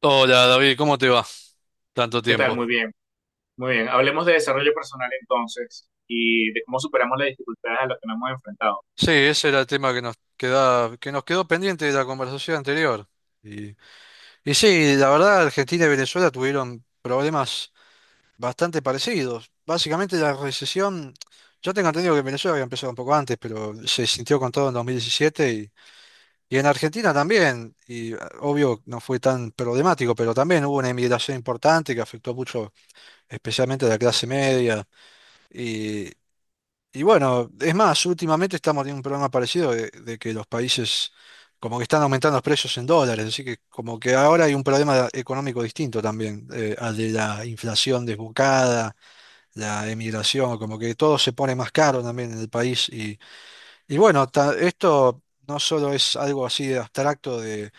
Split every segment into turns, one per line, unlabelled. Hola David, ¿cómo te va? Tanto
¿Qué tal?
tiempo.
Muy bien, muy bien. Hablemos de desarrollo personal entonces y de cómo superamos las dificultades a las que nos hemos enfrentado.
Sí, ese era el tema que nos queda, que nos quedó pendiente de la conversación anterior. Y, y sí, la verdad, Argentina y Venezuela tuvieron problemas bastante parecidos. Básicamente la recesión, yo tengo entendido que en Venezuela había empezado un poco antes, pero se sintió con todo en 2017 y en Argentina también. Y obvio no fue tan problemático, pero también hubo una inmigración importante que afectó mucho, especialmente a la clase media. y Y bueno, es más, últimamente estamos teniendo un problema parecido de que los países como que están aumentando los precios en dólares, así que como que ahora hay un problema económico distinto también, al de la inflación desbocada, la emigración, como que todo se pone más caro también en el país. Y bueno, esto no solo es algo así de abstracto de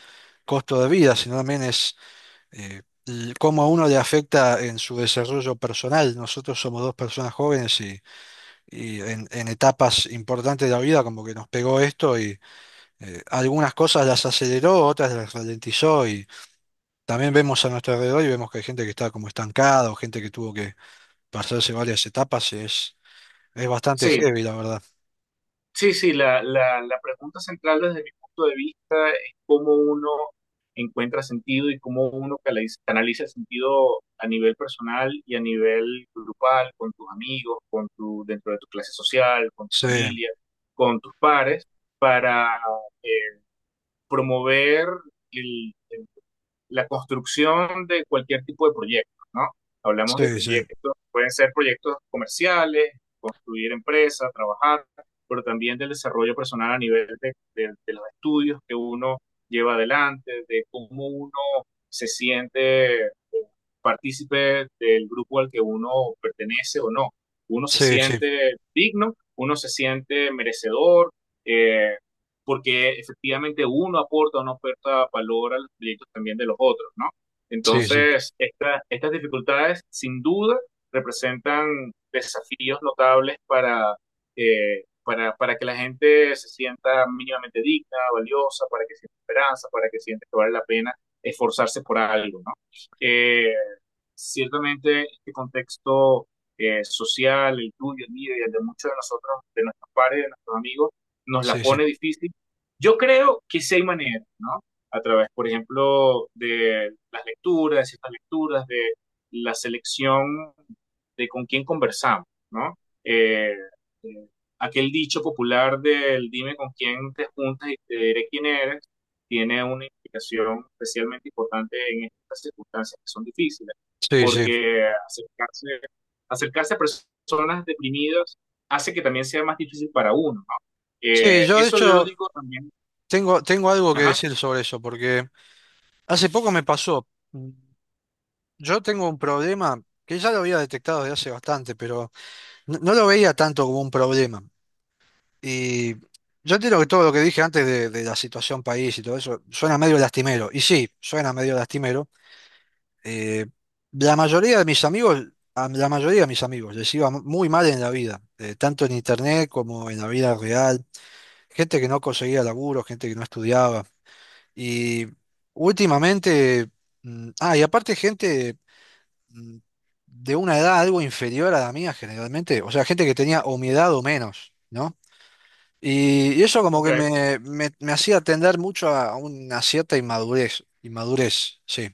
costo de vida, sino también es cómo a uno le afecta en su desarrollo personal. Nosotros somos dos personas jóvenes y en etapas importantes de la vida como que nos pegó esto y algunas cosas las aceleró, otras las ralentizó y también vemos a nuestro alrededor y vemos que hay gente que está como estancada o gente que tuvo que pasarse varias etapas y es bastante
Sí,
heavy, la verdad.
sí, sí, la pregunta central desde mi punto de vista es cómo uno encuentra sentido y cómo uno canaliza el sentido a nivel personal y a nivel grupal, con tus amigos, con tu, dentro de tu clase social, con tu
Sí,
familia, con tus pares, para eh, promover la construcción de cualquier tipo de proyecto, ¿no? Hablamos de
sí, sí,
proyectos, pueden ser proyectos comerciales, construir empresas, trabajar, pero también del desarrollo personal a nivel de los estudios que uno lleva adelante, de cómo uno se siente partícipe del grupo al que uno pertenece o no. Uno se
sí, sí,
siente digno, uno se siente merecedor, eh, porque efectivamente uno aporta, o no aporta valor a los proyectos también de los otros, ¿no?
sí, sí, sí,
Entonces, estas dificultades sin duda representan desafíos notables para, para que la gente se sienta mínimamente digna, valiosa, para que sienta esperanza, para que sienta que vale la pena esforzarse por algo, ¿no? Eh, Ciertamente este contexto social, el tuyo, el mío y el de muchos de nosotros, de nuestros pares, de nuestros amigos, nos la
sí,
pone difícil. Yo creo que sí hay maneras, ¿no? A través, por ejemplo, de las lecturas, de ciertas lecturas, de la selección de con quién conversamos, ¿no? Eh, eh, Aquel dicho popular del dime con quién te juntas y te diré quién eres, tiene una implicación especialmente importante en estas circunstancias que son difíciles,
sí, sí.
porque acercarse, acercarse a personas deprimidas hace que también sea más difícil para uno, ¿no?
Sí, yo de
Eso yo lo
hecho
digo también.
tengo algo que
Ajá,
decir sobre eso porque hace poco me pasó. Yo tengo un problema que ya lo había detectado desde hace bastante, pero... No, no lo veía tanto como un problema. Y yo entiendo que todo lo que dije antes de la situación país y todo eso suena medio lastimero. Y sí, suena medio lastimero. Eh, la mayoría de mis amigos, a la mayoría de mis amigos les iba muy mal en la vida, tanto en internet como en la vida real. Gente que no conseguía laburo, gente que no estudiaba. Y últimamente, y aparte gente mm, de una edad algo inferior a la mía generalmente, o sea, gente que tenía o mi edad o menos, ¿no? Y eso como que
ok,
me hacía tender mucho a una cierta inmadurez, inmadurez, sí.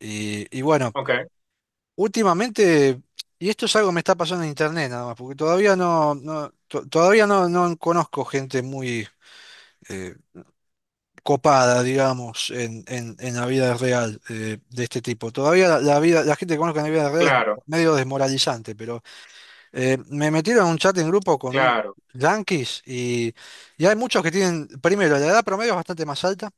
Y bueno,
ok,
últimamente, y esto es algo que me está pasando en internet nada más, porque todavía no, no to- todavía no, no conozco gente muy eh, copada, digamos, en la vida real de este tipo. Todavía la vida, la gente que conozco en la vida real es
claro,
medio desmoralizante, pero me metieron en un chat en grupo con unos
claro,
yanquis y hay muchos que tienen, primero, la edad promedio es bastante más alta,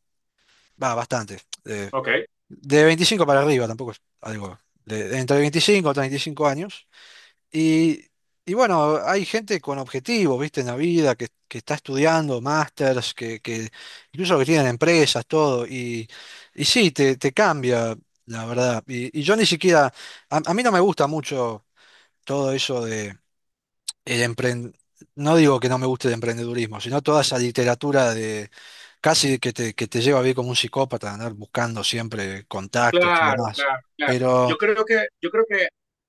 va, bastante, eh,
ok,
de 25 para arriba, tampoco es algo, entre 25 y 35 años. Y, y bueno, hay gente con objetivos, viste, en la vida, que está estudiando, másters, que incluso que tienen empresas, todo, y sí, te cambia, la verdad. Y yo ni siquiera, a mí no me gusta mucho todo eso el empren- no digo que no me guste el emprendedurismo, sino toda esa literatura de casi que te lleva a vivir como un psicópata, andar buscando siempre contactos y
claro,
demás.
claro, claro.
Pero,
Yo creo que, yo creo que,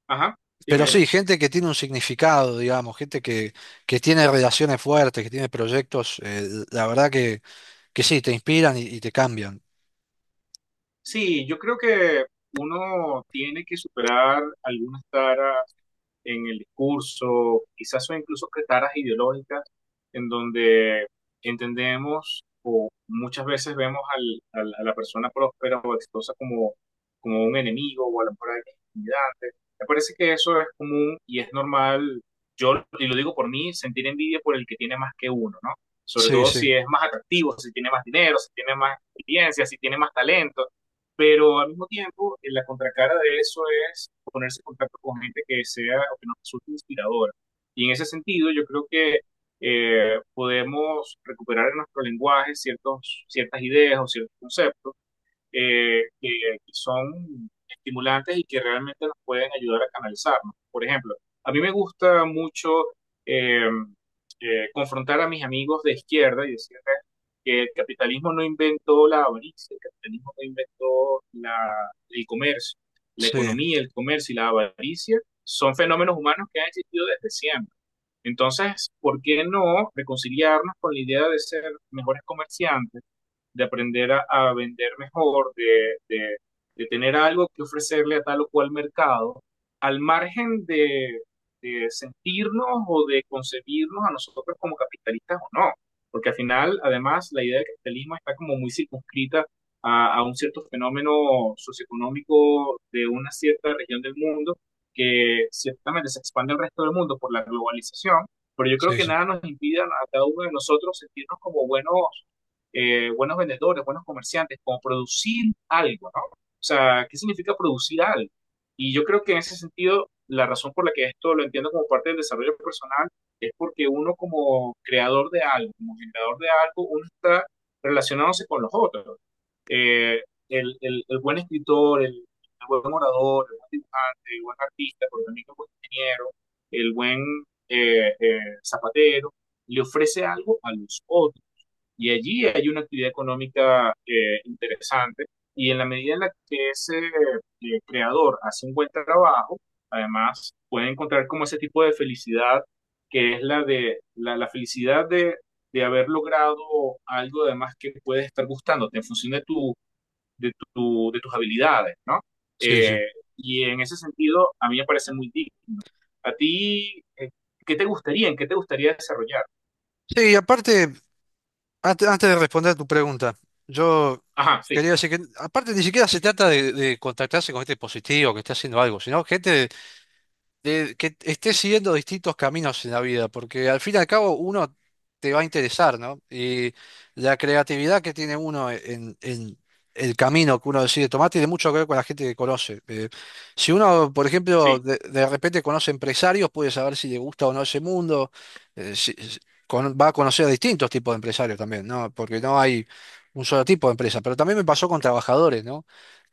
ajá,
pero
dime, dime.
sí, gente que tiene un significado, digamos, que tiene relaciones fuertes, que tiene proyectos, la verdad que sí, te inspiran y te cambian.
Sí, yo creo que uno tiene que superar algunas taras, en el discurso, quizás son incluso caras ideológicas, en donde entendemos o muchas veces vemos al, a la persona próspera o exitosa como, como un enemigo o a lo mejor alguien intimidante. Me parece que eso es común y es normal, yo, y lo digo por mí, sentir envidia por el que tiene más que uno, ¿no? Sobre
Sí,
todo si
sí,
es más atractivo, si tiene más dinero, si tiene más experiencia, si tiene más talento, pero al mismo tiempo, la contracara de eso es ponerse en contacto con gente que sea o que nos resulte inspiradora. Y en ese sentido, yo creo que podemos recuperar en nuestro lenguaje ciertos, ciertas ideas o ciertos conceptos eh, que, que son estimulantes y que realmente nos pueden ayudar a canalizarnos. Por ejemplo, a mí me gusta mucho eh, confrontar a mis amigos de izquierda y decirles que el capitalismo no inventó la avaricia, el capitalismo no inventó el comercio, la
sí,
economía, el comercio y la avaricia son fenómenos humanos que han existido desde siempre. Entonces, ¿por qué no reconciliarnos con la idea de ser mejores comerciantes? De aprender a vender mejor, de, de tener algo que ofrecerle a tal o cual mercado, al margen de sentirnos o de concebirnos a nosotros como capitalistas o no. Porque al final, además, la idea de capitalismo está como muy circunscrita a, un cierto fenómeno socioeconómico de una cierta región del mundo que ciertamente se expande al resto del mundo por la globalización, pero yo creo
sí,
que
sí,
nada nos impide a cada uno de nosotros sentirnos como buenos buenos vendedores, buenos comerciantes, como producir algo, ¿no? O sea, ¿qué significa producir algo? Y yo creo que en ese sentido, la razón por la que esto lo entiendo como parte del desarrollo personal es porque uno como creador de algo, como generador de algo, uno está relacionándose con los otros. Eh, el buen escritor, el buen orador, el buen dibujante, el buen artista, pero también el buen ingeniero, el buen zapatero, le ofrece algo a los otros. Y allí hay una actividad económica interesante y en la medida en la que ese creador hace un buen trabajo, además puede encontrar como ese tipo de felicidad que es la de la felicidad de haber logrado algo además que puede estar gustándote en función de tus habilidades, ¿no?
sí, sí.
Eh, y en ese sentido, a mí me parece muy digno. ¿A ti qué te gustaría, en qué te gustaría desarrollar?
Sí, y aparte. Antes de responder a tu pregunta, yo
Ajá, sí,
quería decir que, aparte, ni siquiera se trata de contactarse con gente positiva que esté haciendo algo, sino gente de que estés siguiendo distintos caminos en la vida, porque al fin y al cabo uno te va a interesar, ¿no? Y la creatividad que tiene uno en el camino que uno decide tomar tiene mucho que ver con la gente que conoce. Si uno, por ejemplo,
sí.
de repente conoce empresarios, puede saber si le gusta o no ese mundo, eh, si- si- va a conocer a distintos tipos de empresarios también, ¿no? Porque no hay un solo tipo de empresa, pero también me pasó con trabajadores, ¿no?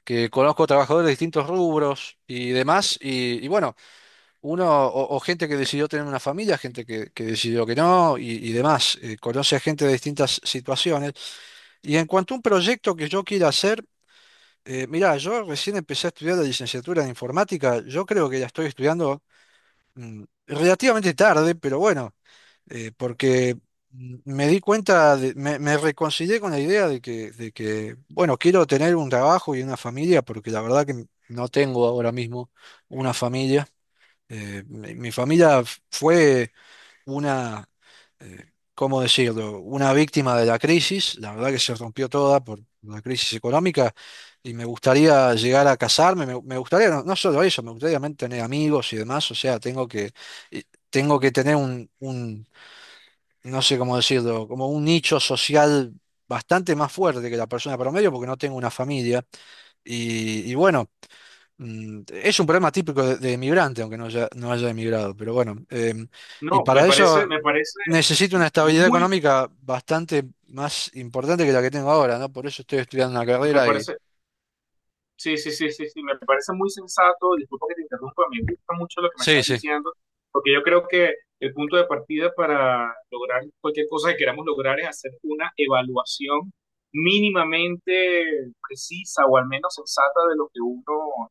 Que conozco trabajadores de distintos rubros y demás, y bueno. Uno, o gente que decidió tener una familia, que decidió que no, y demás. Conoce a gente de distintas situaciones. Y en cuanto a un proyecto que yo quiera hacer, mirá, yo recién empecé a estudiar la licenciatura en informática. Yo creo que la estoy estudiando relativamente tarde, pero bueno, porque me di cuenta, me reconcilié con la idea de que, bueno, quiero tener un trabajo y una familia, porque la verdad que no tengo ahora mismo una familia. Mi familia fue una, ¿cómo decirlo? Una víctima de la crisis. La verdad que se rompió toda por la crisis económica y me gustaría llegar a casarme. Me gustaría, no, no solo eso, me gustaría también tener amigos y demás. O sea, tengo que, y tengo que tener un, no sé cómo decirlo, como un nicho social bastante más fuerte que la persona promedio porque no tengo una familia y bueno. Es un problema típico de emigrante, aunque no haya emigrado, pero bueno, y
No,
para eso
me parece
necesito una estabilidad
muy,
económica bastante más importante que la que tengo ahora, ¿no? Por eso estoy estudiando una
me
carrera y...
parece Sí, sí, sí, sí, sí, me parece muy sensato, disculpa que te interrumpa, me gusta mucho lo que me
Sí,
estás
sí,
diciendo, porque yo creo que el punto de partida para lograr cualquier cosa que queramos lograr es hacer una evaluación mínimamente precisa o al menos sensata de lo que uno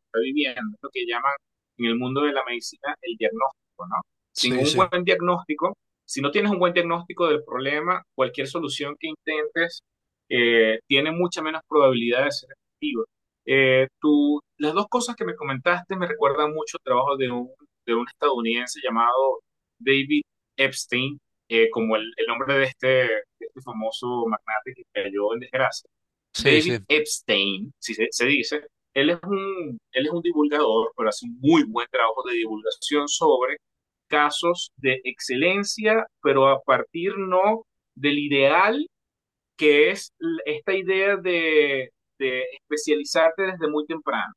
está viviendo, lo que llaman en el mundo de la medicina el diagnóstico, ¿no? Sin
sí,
un
sí,
buen diagnóstico, si no tienes un buen diagnóstico del problema, cualquier solución que intentes tiene mucha menos probabilidad de ser efectiva. Tú, las dos cosas que me comentaste me recuerdan mucho el trabajo de un estadounidense llamado David Epstein, como el nombre de este famoso magnate que cayó en desgracia.
sí,
David
sí,
Epstein, si se, se dice, él es un divulgador, pero hace un muy buen trabajo de divulgación sobre casos de excelencia, pero a partir no del ideal que es esta idea de especializarte desde muy temprano.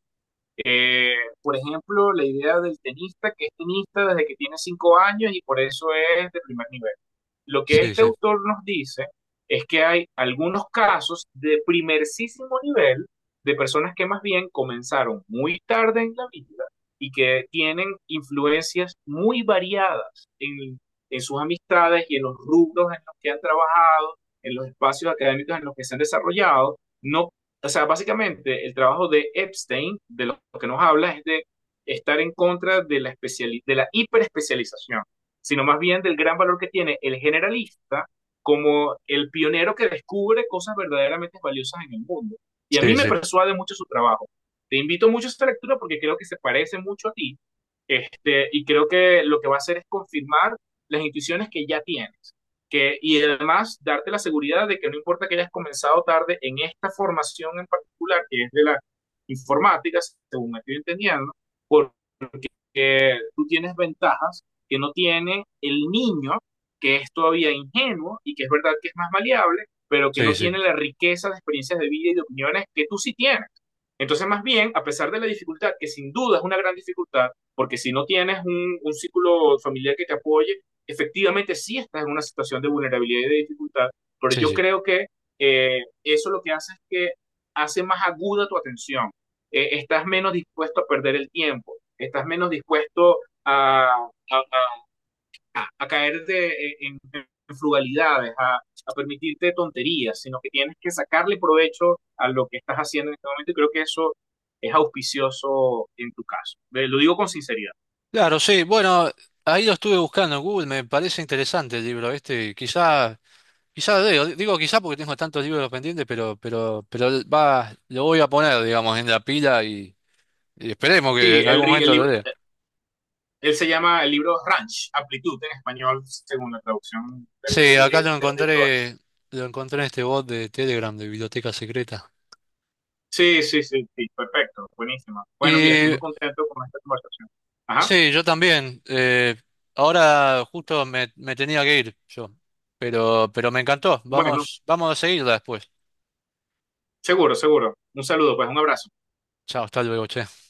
Eh, por ejemplo, la idea del tenista, que es tenista desde que tiene 5 años y por eso es de primer nivel. Lo que
sí,
este
sí,
autor nos dice es que hay algunos casos de primerísimo nivel de personas que más bien comenzaron muy tarde en la vida y que tienen influencias muy variadas en sus amistades y en los rubros en los que han trabajado, en los espacios académicos en los que se han desarrollado, no, o sea, básicamente el trabajo de Epstein, de lo que nos habla, es de estar en contra de la, especiali de la hiperespecialización, sino más bien del gran valor que tiene el generalista como el pionero que descubre cosas verdaderamente valiosas en el mundo. Y a mí
sí,
me
sí,
persuade mucho su trabajo. Te invito mucho a esta lectura porque creo que se parece mucho a ti este, y creo que lo que va a hacer es confirmar las intuiciones que ya tienes que, y además darte la seguridad de que no importa que hayas comenzado tarde en esta formación en particular, que es de la informática, según me estoy entendiendo, por que tú tienes ventajas que no tiene el niño, que es todavía ingenuo y que es verdad que es más maleable, pero que
sí,
no tiene
sí,
la riqueza de experiencias de vida y de opiniones que tú sí tienes. Entonces, más bien, a pesar de la dificultad, que sin duda es una gran dificultad, porque si no tienes un círculo familiar que te apoye, efectivamente sí estás en una situación de vulnerabilidad y de dificultad, pero
sí,
yo
sí.
creo que eso lo que hace es que hace más aguda tu atención, estás menos dispuesto a perder el tiempo, estás menos dispuesto a, a, a a caerte en frugalidades, a, permitirte tonterías, sino que tienes que sacarle provecho a lo que estás haciendo en este momento y creo que eso es auspicioso en tu caso. Lo digo con sinceridad.
Claro, sí, bueno, ahí lo estuve buscando en Google, me parece interesante el libro este, quizá leo, digo quizá porque tengo tantos libros pendientes, pero va, lo voy a poner, digamos, en la pila. Y esperemos que
Sí,
en algún
el
momento lo
libro,
lea.
él se llama, el libro Ranch, Amplitud en español, según la traducción
Sí, acá
de los editores.
lo encontré en este bot de Telegram de Biblioteca Secreta.
Sí, sí, sí, sí, perfecto, buenísima. Bueno, mira, estoy
Y
muy contento con esta conversación. Ajá,
sí, yo también. Ahora justo me tenía que ir yo. Pero me encantó.
bueno,
Vamos a seguirla después.
seguro, seguro. Un saludo, pues, un abrazo.
Chao, hasta luego, che.